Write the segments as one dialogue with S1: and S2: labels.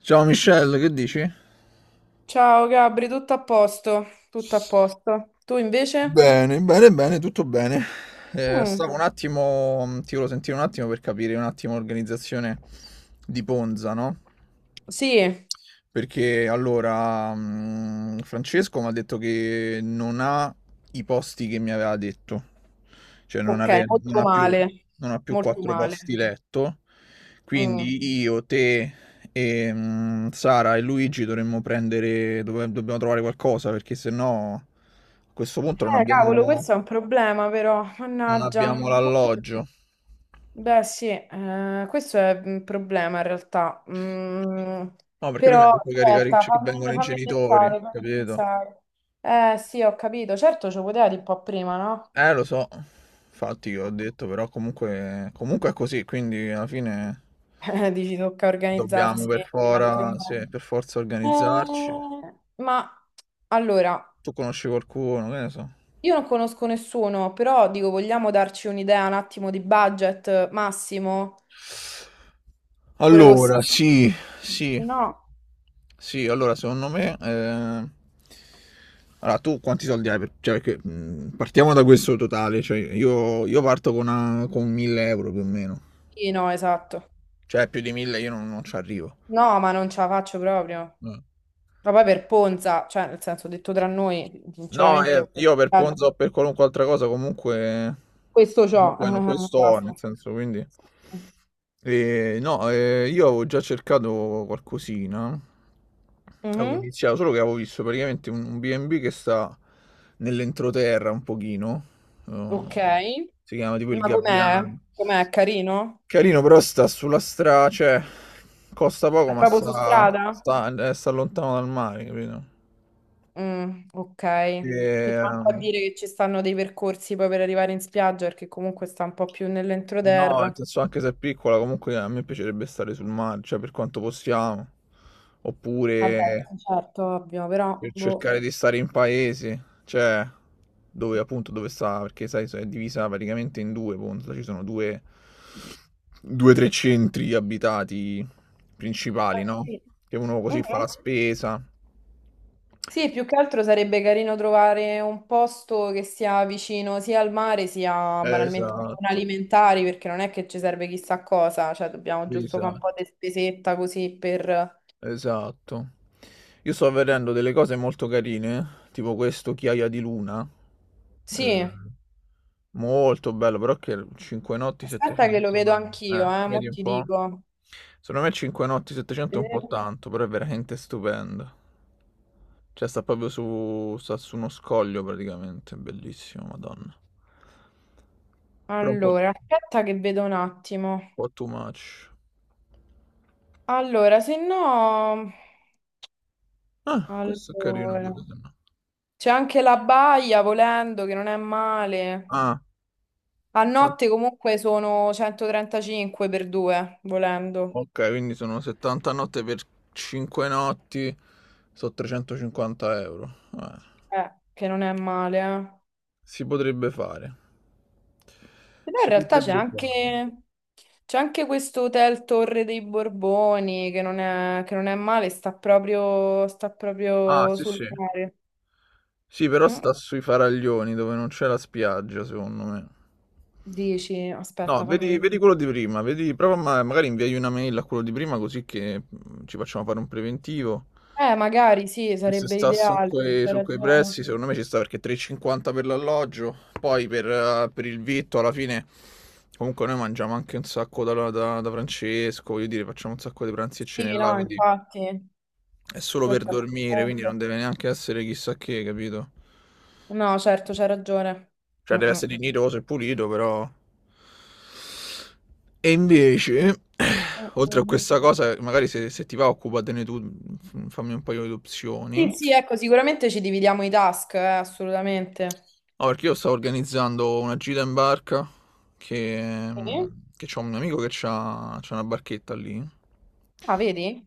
S1: Ciao Michelle, che dici?
S2: Ciao Gabri, tutto a posto, tutto a posto. Tu invece?
S1: Bene, bene, bene, tutto bene.
S2: Mm,
S1: Stavo un attimo, ti volevo sentire un attimo per capire un attimo l'organizzazione di Ponza, no?
S2: sì,
S1: Perché allora, Francesco mi ha detto che non ha i posti che mi aveva detto, cioè
S2: ok, molto male,
S1: non ha più
S2: molto
S1: quattro posti
S2: male.
S1: letto,
S2: Mm.
S1: quindi io, te, e, Sara e Luigi dovremmo prendere, dobbiamo trovare qualcosa perché sennò a questo punto
S2: Cavolo, questo è un problema però,
S1: non
S2: mannaggia.
S1: abbiamo l'alloggio.
S2: Beh sì, questo è un problema in realtà.
S1: No, perché lui mi ha
S2: Però
S1: detto che,
S2: aspetta,
S1: che vengono i
S2: fammi
S1: genitori,
S2: pensare, fammi
S1: capito?
S2: pensare. Eh sì, ho capito, certo ci poteva dire un po' prima, no?
S1: Lo so, infatti io ho detto, però comunque è così, quindi alla fine
S2: Dici, tocca
S1: dobbiamo
S2: organizzarsi in altro modo.
S1: sì, per forza organizzarci.
S2: Eh, ma allora,
S1: Tu conosci qualcuno, che ne so.
S2: io non conosco nessuno, però dico, vogliamo darci un'idea un attimo di budget massimo? Pure costa...
S1: Allora, sì, sì,
S2: No.
S1: sì, allora secondo me... Allora, tu quanti soldi hai? Cioè, perché, partiamo da questo totale, cioè io parto con, con 1000 euro più o meno,
S2: Sì, no, esatto.
S1: cioè più di 1000 io non ci arrivo.
S2: No, ma non ce la faccio proprio. Ma poi per Ponza, cioè, nel senso, detto tra noi,
S1: No,
S2: sinceramente,
S1: io per Ponzo o per qualunque altra cosa comunque,
S2: questo c'ho.
S1: no, questo ho, nel
S2: Basta.
S1: senso, quindi... No, io avevo già cercato qualcosina, avevo
S2: Mhm.
S1: iniziato, solo che avevo visto praticamente un B&B che sta nell'entroterra un pochino, eh,
S2: Ok.
S1: si chiama tipo il
S2: Ma com'è?
S1: Gabbiano.
S2: Com'è? Carino?
S1: Carino, però sta sulla strada, cioè, costa poco,
S2: È
S1: ma
S2: proprio su strada?
S1: sta lontano dal mare, capito?
S2: Ok,
S1: E,
S2: quindi manco a
S1: ehm,
S2: dire che ci stanno dei percorsi poi per arrivare in spiaggia, perché comunque sta un po' più
S1: No, nel
S2: nell'entroterra.
S1: senso anche se è piccola, comunque a me piacerebbe stare sul mare, cioè per quanto possiamo,
S2: Vabbè,
S1: oppure
S2: certo, ovvio, però
S1: per
S2: boh.
S1: cercare di stare in paese, cioè dove appunto dove sta, perché sai, è divisa praticamente in due, appunto, ci sono due o tre centri abitati principali, no?
S2: Sì.
S1: Che uno così fa la
S2: Mhm.
S1: spesa.
S2: Sì, più che altro sarebbe carino trovare un posto che sia vicino sia al mare sia banalmente a zone
S1: Esatto,
S2: alimentari, perché non è che ci serve chissà cosa, cioè dobbiamo giusto fare un po'
S1: esatto.
S2: di spesetta così per...
S1: Esatto. Io sto vedendo delle cose molto carine, tipo questo Chiaia di Luna. eh,
S2: Sì,
S1: Molto bello, però che 5 notti
S2: aspetta che lo
S1: 700.
S2: vedo anch'io, mo
S1: Vedi un
S2: ti
S1: po'?
S2: dico.
S1: Secondo me 5 notti 700 è un po' tanto, però è veramente stupendo. Cioè sta proprio su, sta su uno scoglio praticamente, è bellissimo, Madonna. Però
S2: Allora,
S1: un
S2: aspetta che vedo un attimo.
S1: po' too much.
S2: Allora, se no...
S1: Ah, questo è carino
S2: Allora...
S1: pure, se no.
S2: C'è anche la baia, volendo, che non è male.
S1: Ah,
S2: A
S1: qua-
S2: notte comunque sono 135 per due, volendo.
S1: ok, quindi sono 70 notte per 5 notti, sono 350 euro. Eh,
S2: Che non è male, eh.
S1: si potrebbe fare.
S2: Però in
S1: Si
S2: realtà c'è
S1: potrebbe fare.
S2: anche... C'è anche questo hotel Torre dei Borboni, che non è male, sta
S1: Ah,
S2: proprio
S1: sì,
S2: sul
S1: sì.
S2: mare.
S1: Sì, però
S2: Mm,
S1: sta sui faraglioni dove non c'è la spiaggia, secondo me.
S2: Dici,
S1: No,
S2: aspetta, fammi
S1: vedi, vedi
S2: vedere.
S1: quello di prima, vedi, prova magari inviai una mail a quello di prima così che ci facciamo fare un preventivo.
S2: Magari sì,
S1: Se
S2: sarebbe
S1: sta su
S2: ideale, c'è
S1: su quei
S2: ragione.
S1: prezzi, secondo me ci sta perché 3,50 per l'alloggio, poi per il vitto alla fine comunque noi mangiamo anche un sacco da Francesco, voglio dire, facciamo un sacco di pranzi e cene
S2: Sì,
S1: là,
S2: no,
S1: quindi
S2: infatti,
S1: è solo per
S2: questo è il
S1: dormire, quindi
S2: punto.
S1: non deve neanche essere chissà che, capito?
S2: No, certo, c'è ragione.
S1: Cioè
S2: Mm,
S1: deve
S2: mm.
S1: essere dignitoso e pulito, però... E invece,
S2: Mm,
S1: oltre a
S2: mm.
S1: questa cosa, magari se ti va occupatene tu, fammi un paio di opzioni.
S2: Sì, sì, ecco, sicuramente ci dividiamo i task, assolutamente.
S1: No, perché io stavo organizzando una gira in barca che,
S2: Sì?
S1: che c'ho un mio amico che c'ha una barchetta lì.
S2: Ah, vedi?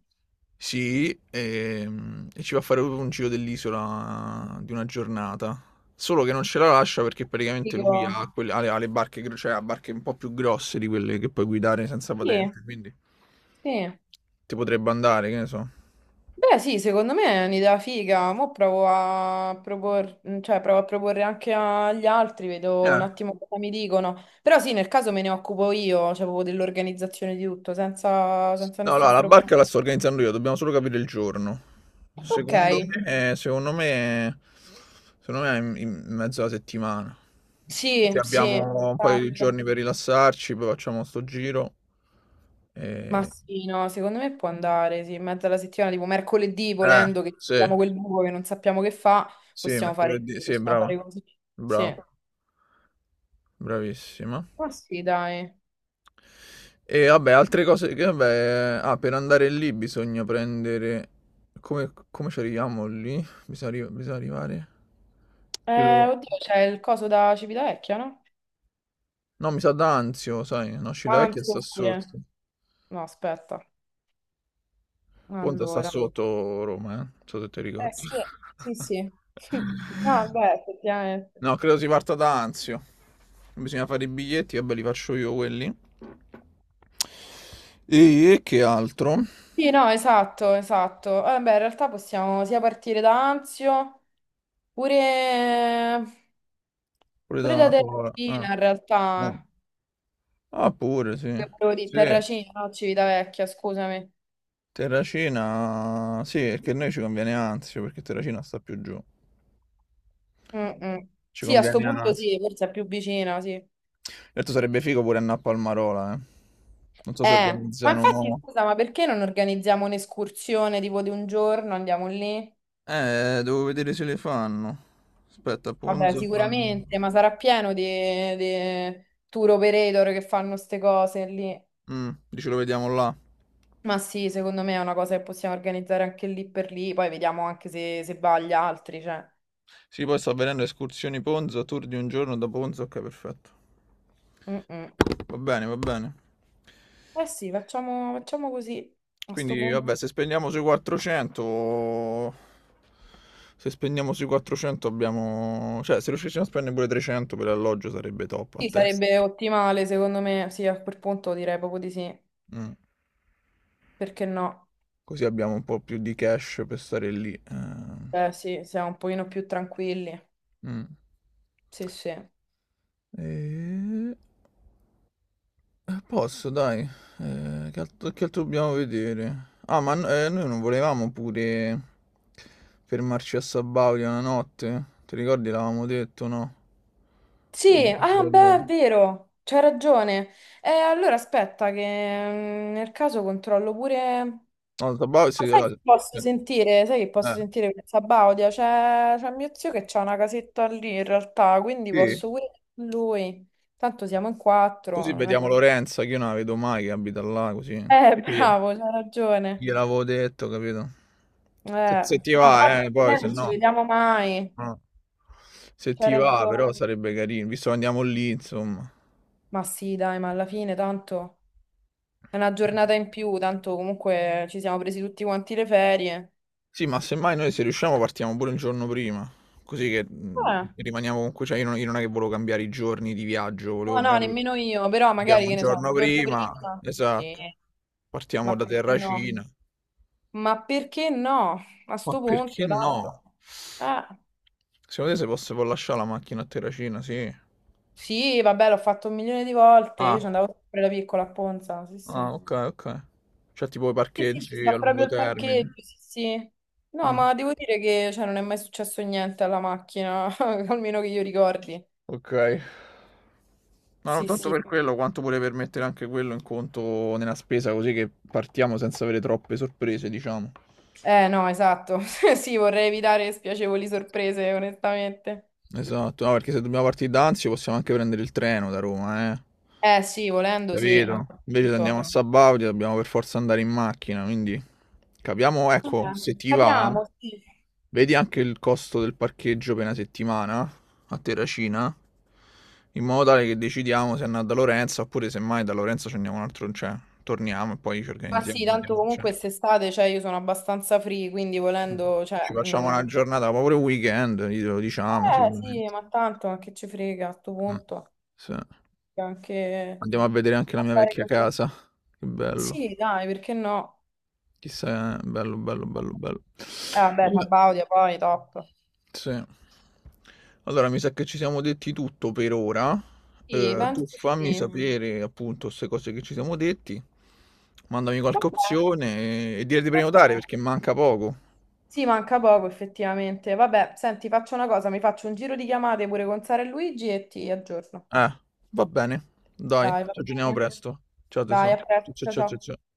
S1: Sì, e ci va a fare proprio un giro dell'isola di una giornata. Solo che non ce la lascia perché praticamente lui
S2: Dico,
S1: ha, ha ha le barche, cioè ha barche un po' più grosse di quelle che puoi guidare senza
S2: sì,
S1: patente, quindi
S2: sì.
S1: ti potrebbe andare, che ne so.
S2: Beh, sì, secondo me è un'idea figa. Mo' cioè, provo a proporre anche agli altri, vedo un
S1: Eh.
S2: attimo cosa mi dicono. Però sì, nel caso me ne occupo io, cioè proprio dell'organizzazione di tutto, senza
S1: No, no,
S2: nessun
S1: la
S2: problema.
S1: barca la sto organizzando io, dobbiamo solo capire il giorno.
S2: Ok,
S1: Secondo me, secondo me, secondo me è in mezzo alla settimana. Così
S2: sì, sì,
S1: abbiamo un paio di
S2: esatto.
S1: giorni per rilassarci, poi facciamo sto giro.
S2: Ma
S1: E...
S2: sì, no, secondo me può andare, sì, in mezzo alla settimana, tipo mercoledì,
S1: Eh,
S2: volendo che
S1: sì,
S2: abbiamo quel buco che non sappiamo che fa,
S1: sì, mercoledì, sì,
S2: possiamo
S1: brava,
S2: fare così. Sì.
S1: brava, bravissima.
S2: Ma sì, dai.
S1: E vabbè, altre cose che, vabbè, per andare lì bisogna prendere... Come ci arriviamo lì? Bisogna, bisogna arrivare... Credo-
S2: Oddio, c'è il coso da Civitavecchia, no?
S1: No, mi sa d'Anzio, sai, no, Scilla Vecchia
S2: Anzi,
S1: sta
S2: oppure...
S1: sotto.
S2: No, aspetta.
S1: Ponte sta
S2: Allora.
S1: sotto Roma, eh. Non so se ti
S2: Eh
S1: ricordi.
S2: sì, sì, sì. Ah, beh, effettivamente.
S1: No, credo si parta da Anzio. Bisogna fare i biglietti, vabbè, li faccio io quelli. E che altro?
S2: Sì, no, esatto, esatto. Beh, in realtà possiamo sia partire da Anzio, pure,
S1: Pure
S2: pure da
S1: da...
S2: Terracina,
S1: Ah,
S2: in
S1: no.
S2: realtà.
S1: Ah, pure, sì.
S2: Che volevo dire,
S1: Sì.
S2: Terracina, no, Civitavecchia, scusami.
S1: Terracina, sì, perché a noi ci conviene Anzio, perché Terracina sta più giù.
S2: Mm-mm.
S1: Ci
S2: Sì, a sto
S1: conviene
S2: punto
S1: Anzio.
S2: sì, forse è più vicina, sì.
S1: Certo sarebbe figo pure andare a Palmarola, eh. Non so se
S2: Ma infatti,
S1: organizzano...
S2: scusa, ma perché non organizziamo un'escursione tipo di un giorno, andiamo lì?
S1: Devo vedere se le fanno. Aspetta,
S2: Vabbè,
S1: Ponzo...
S2: sicuramente, ma sarà pieno di tour operator che fanno queste cose lì.
S1: Dici lo vediamo là.
S2: Ma sì, secondo me è una cosa che possiamo organizzare anche lì per lì, poi vediamo anche se va agli altri, cioè.
S1: Sì, poi sta avvenendo escursioni Ponzo, tour di un giorno da Ponzo, ok, perfetto.
S2: Mm, mm.
S1: Va bene, va bene.
S2: Eh sì, facciamo, facciamo così, a sto
S1: Quindi,
S2: punto.
S1: vabbè, se spendiamo sui 400... Se spendiamo sui 400 abbiamo... Cioè, se riuscissimo a spendere pure 300 per l'alloggio sarebbe top a
S2: Sì,
S1: testa.
S2: sarebbe ottimale, secondo me, sì, a quel punto direi proprio di sì,
S1: Mm.
S2: perché no?
S1: Così abbiamo un po' più di cash per stare lì.
S2: Eh sì, siamo un pochino più tranquilli,
S1: Mm.
S2: sì sì.
S1: E... Posso, dai. Che altro dobbiamo vedere? Ah, ma noi non volevamo pure fermarci a Sabaudia una notte? Ti ricordi? L'avevamo detto, no? O
S2: Sì,
S1: mi sono
S2: ah, beh,
S1: sbagliato?
S2: è vero, c'hai ragione. Allora aspetta che nel caso controllo pure...
S1: No, Sabaudia sì,
S2: Ma sai che
S1: allora...
S2: posso sentire? Sai che
S1: Eh,
S2: posso sentire questa Baudia? C'è mio zio che c'ha una casetta lì in realtà, quindi
S1: sì.
S2: posso pure con lui. Tanto siamo in quattro.
S1: Così
S2: Non è-
S1: vediamo Lorenza, che io non la vedo mai, che abita là, così. Sì, Gliela
S2: Bravo, c'hai ragione.
S1: gliel'avevo detto, capito?
S2: Eh,
S1: Se ti
S2: no, infatti
S1: va, poi
S2: noi
S1: se
S2: non ci
S1: no...
S2: vediamo mai.
S1: no. Se
S2: C'hai
S1: ti va, però
S2: ragione.
S1: sarebbe carino, visto che andiamo lì, insomma.
S2: Ma sì, dai, ma alla fine tanto... È una giornata in più, tanto comunque ci siamo presi tutti quanti le ferie.
S1: Sì, ma semmai noi se riusciamo partiamo pure un giorno prima, così che,
S2: Eh,
S1: rimaniamo comunque, cioè io non è che volevo cambiare i giorni di viaggio, volevo
S2: no, no,
S1: magari
S2: nemmeno io, però
S1: andiamo
S2: magari
S1: un
S2: che ne so,
S1: giorno
S2: il giorno
S1: prima,
S2: prima. Sì,
S1: esatto. Partiamo
S2: ma
S1: da
S2: perché no?
S1: Terracina.
S2: Ma perché no? A
S1: Ma
S2: sto
S1: perché
S2: punto,
S1: no?
S2: tanto. Eh,
S1: Secondo te se posso si può lascià la macchina a Terracina? Sì.
S2: sì, vabbè, l'ho fatto un milione di volte,
S1: Ah,
S2: io ci andavo sempre da piccola a Ponza, sì,
S1: ah
S2: sì.
S1: okay, okay. Cioè tipo i
S2: Sì, sì, ci
S1: parcheggi a
S2: sta
S1: lungo
S2: proprio il
S1: termine.
S2: parcheggio, sì, sì. No,
S1: Mh.
S2: ma devo dire che cioè, non è mai successo niente alla macchina, almeno che io ricordi.
S1: Ok. Ma non
S2: Sì,
S1: tanto
S2: sì.
S1: per quello, quanto pure per mettere anche quello in conto nella spesa, così che partiamo senza avere troppe sorprese, diciamo.
S2: Eh no, esatto. Sì, vorrei evitare spiacevoli sorprese, onestamente.
S1: Esatto, no, perché se dobbiamo partire da Anzio possiamo anche prendere il treno da Roma, eh.
S2: Eh sì, volendo, sì, a
S1: Capito?
S2: quel
S1: Invece se andiamo a
S2: punto.
S1: Sabaudia dobbiamo per forza andare in macchina, quindi capiamo, ecco, se ti va,
S2: Capiamo, sì.
S1: vedi anche il costo del parcheggio per una settimana a Terracina, in modo tale che decidiamo se andare da Lorenzo oppure semmai da Lorenzo ci andiamo un altro, cioè torniamo e poi ci
S2: Ma
S1: organizziamo.
S2: sì, tanto
S1: Andiamo, cioè.
S2: comunque quest'estate, cioè, io sono abbastanza free, quindi volendo,
S1: Ci
S2: cioè...
S1: facciamo una giornata, proprio il weekend, glielo diciamo
S2: Eh sì,
S1: sicuramente.
S2: ma tanto, ma che ci frega a sto
S1: Ah,
S2: punto?
S1: sì.
S2: Anche...
S1: Andiamo a vedere anche la mia
S2: andare
S1: vecchia
S2: così.
S1: casa, che bello.
S2: Sì, dai, perché no?
S1: Chissà, bello, bello, bello, bello.
S2: Eh vabbè,
S1: Vabbè,
S2: Sabaudia poi, top.
S1: sì. Allora, mi sa che ci siamo detti tutto per ora.
S2: Sì,
S1: Tu
S2: penso di
S1: fammi
S2: sì.
S1: sapere appunto queste cose che ci siamo detti. Mandami qualche
S2: Vabbè,
S1: opzione e dire di
S2: vabbè.
S1: prenotare perché manca poco.
S2: Sì, manca poco effettivamente. Vabbè, senti, faccio una cosa, mi faccio un giro di chiamate pure con Sara e Luigi e ti aggiorno.
S1: Eh, va bene. Dai,
S2: Dai, va
S1: ci aggiorniamo
S2: bene.
S1: presto. Ciao
S2: Dai,
S1: tesoro.
S2: a
S1: Ciao
S2: presto,
S1: ciao
S2: ciao
S1: ciao ciao.
S2: ciao.
S1: Ciao.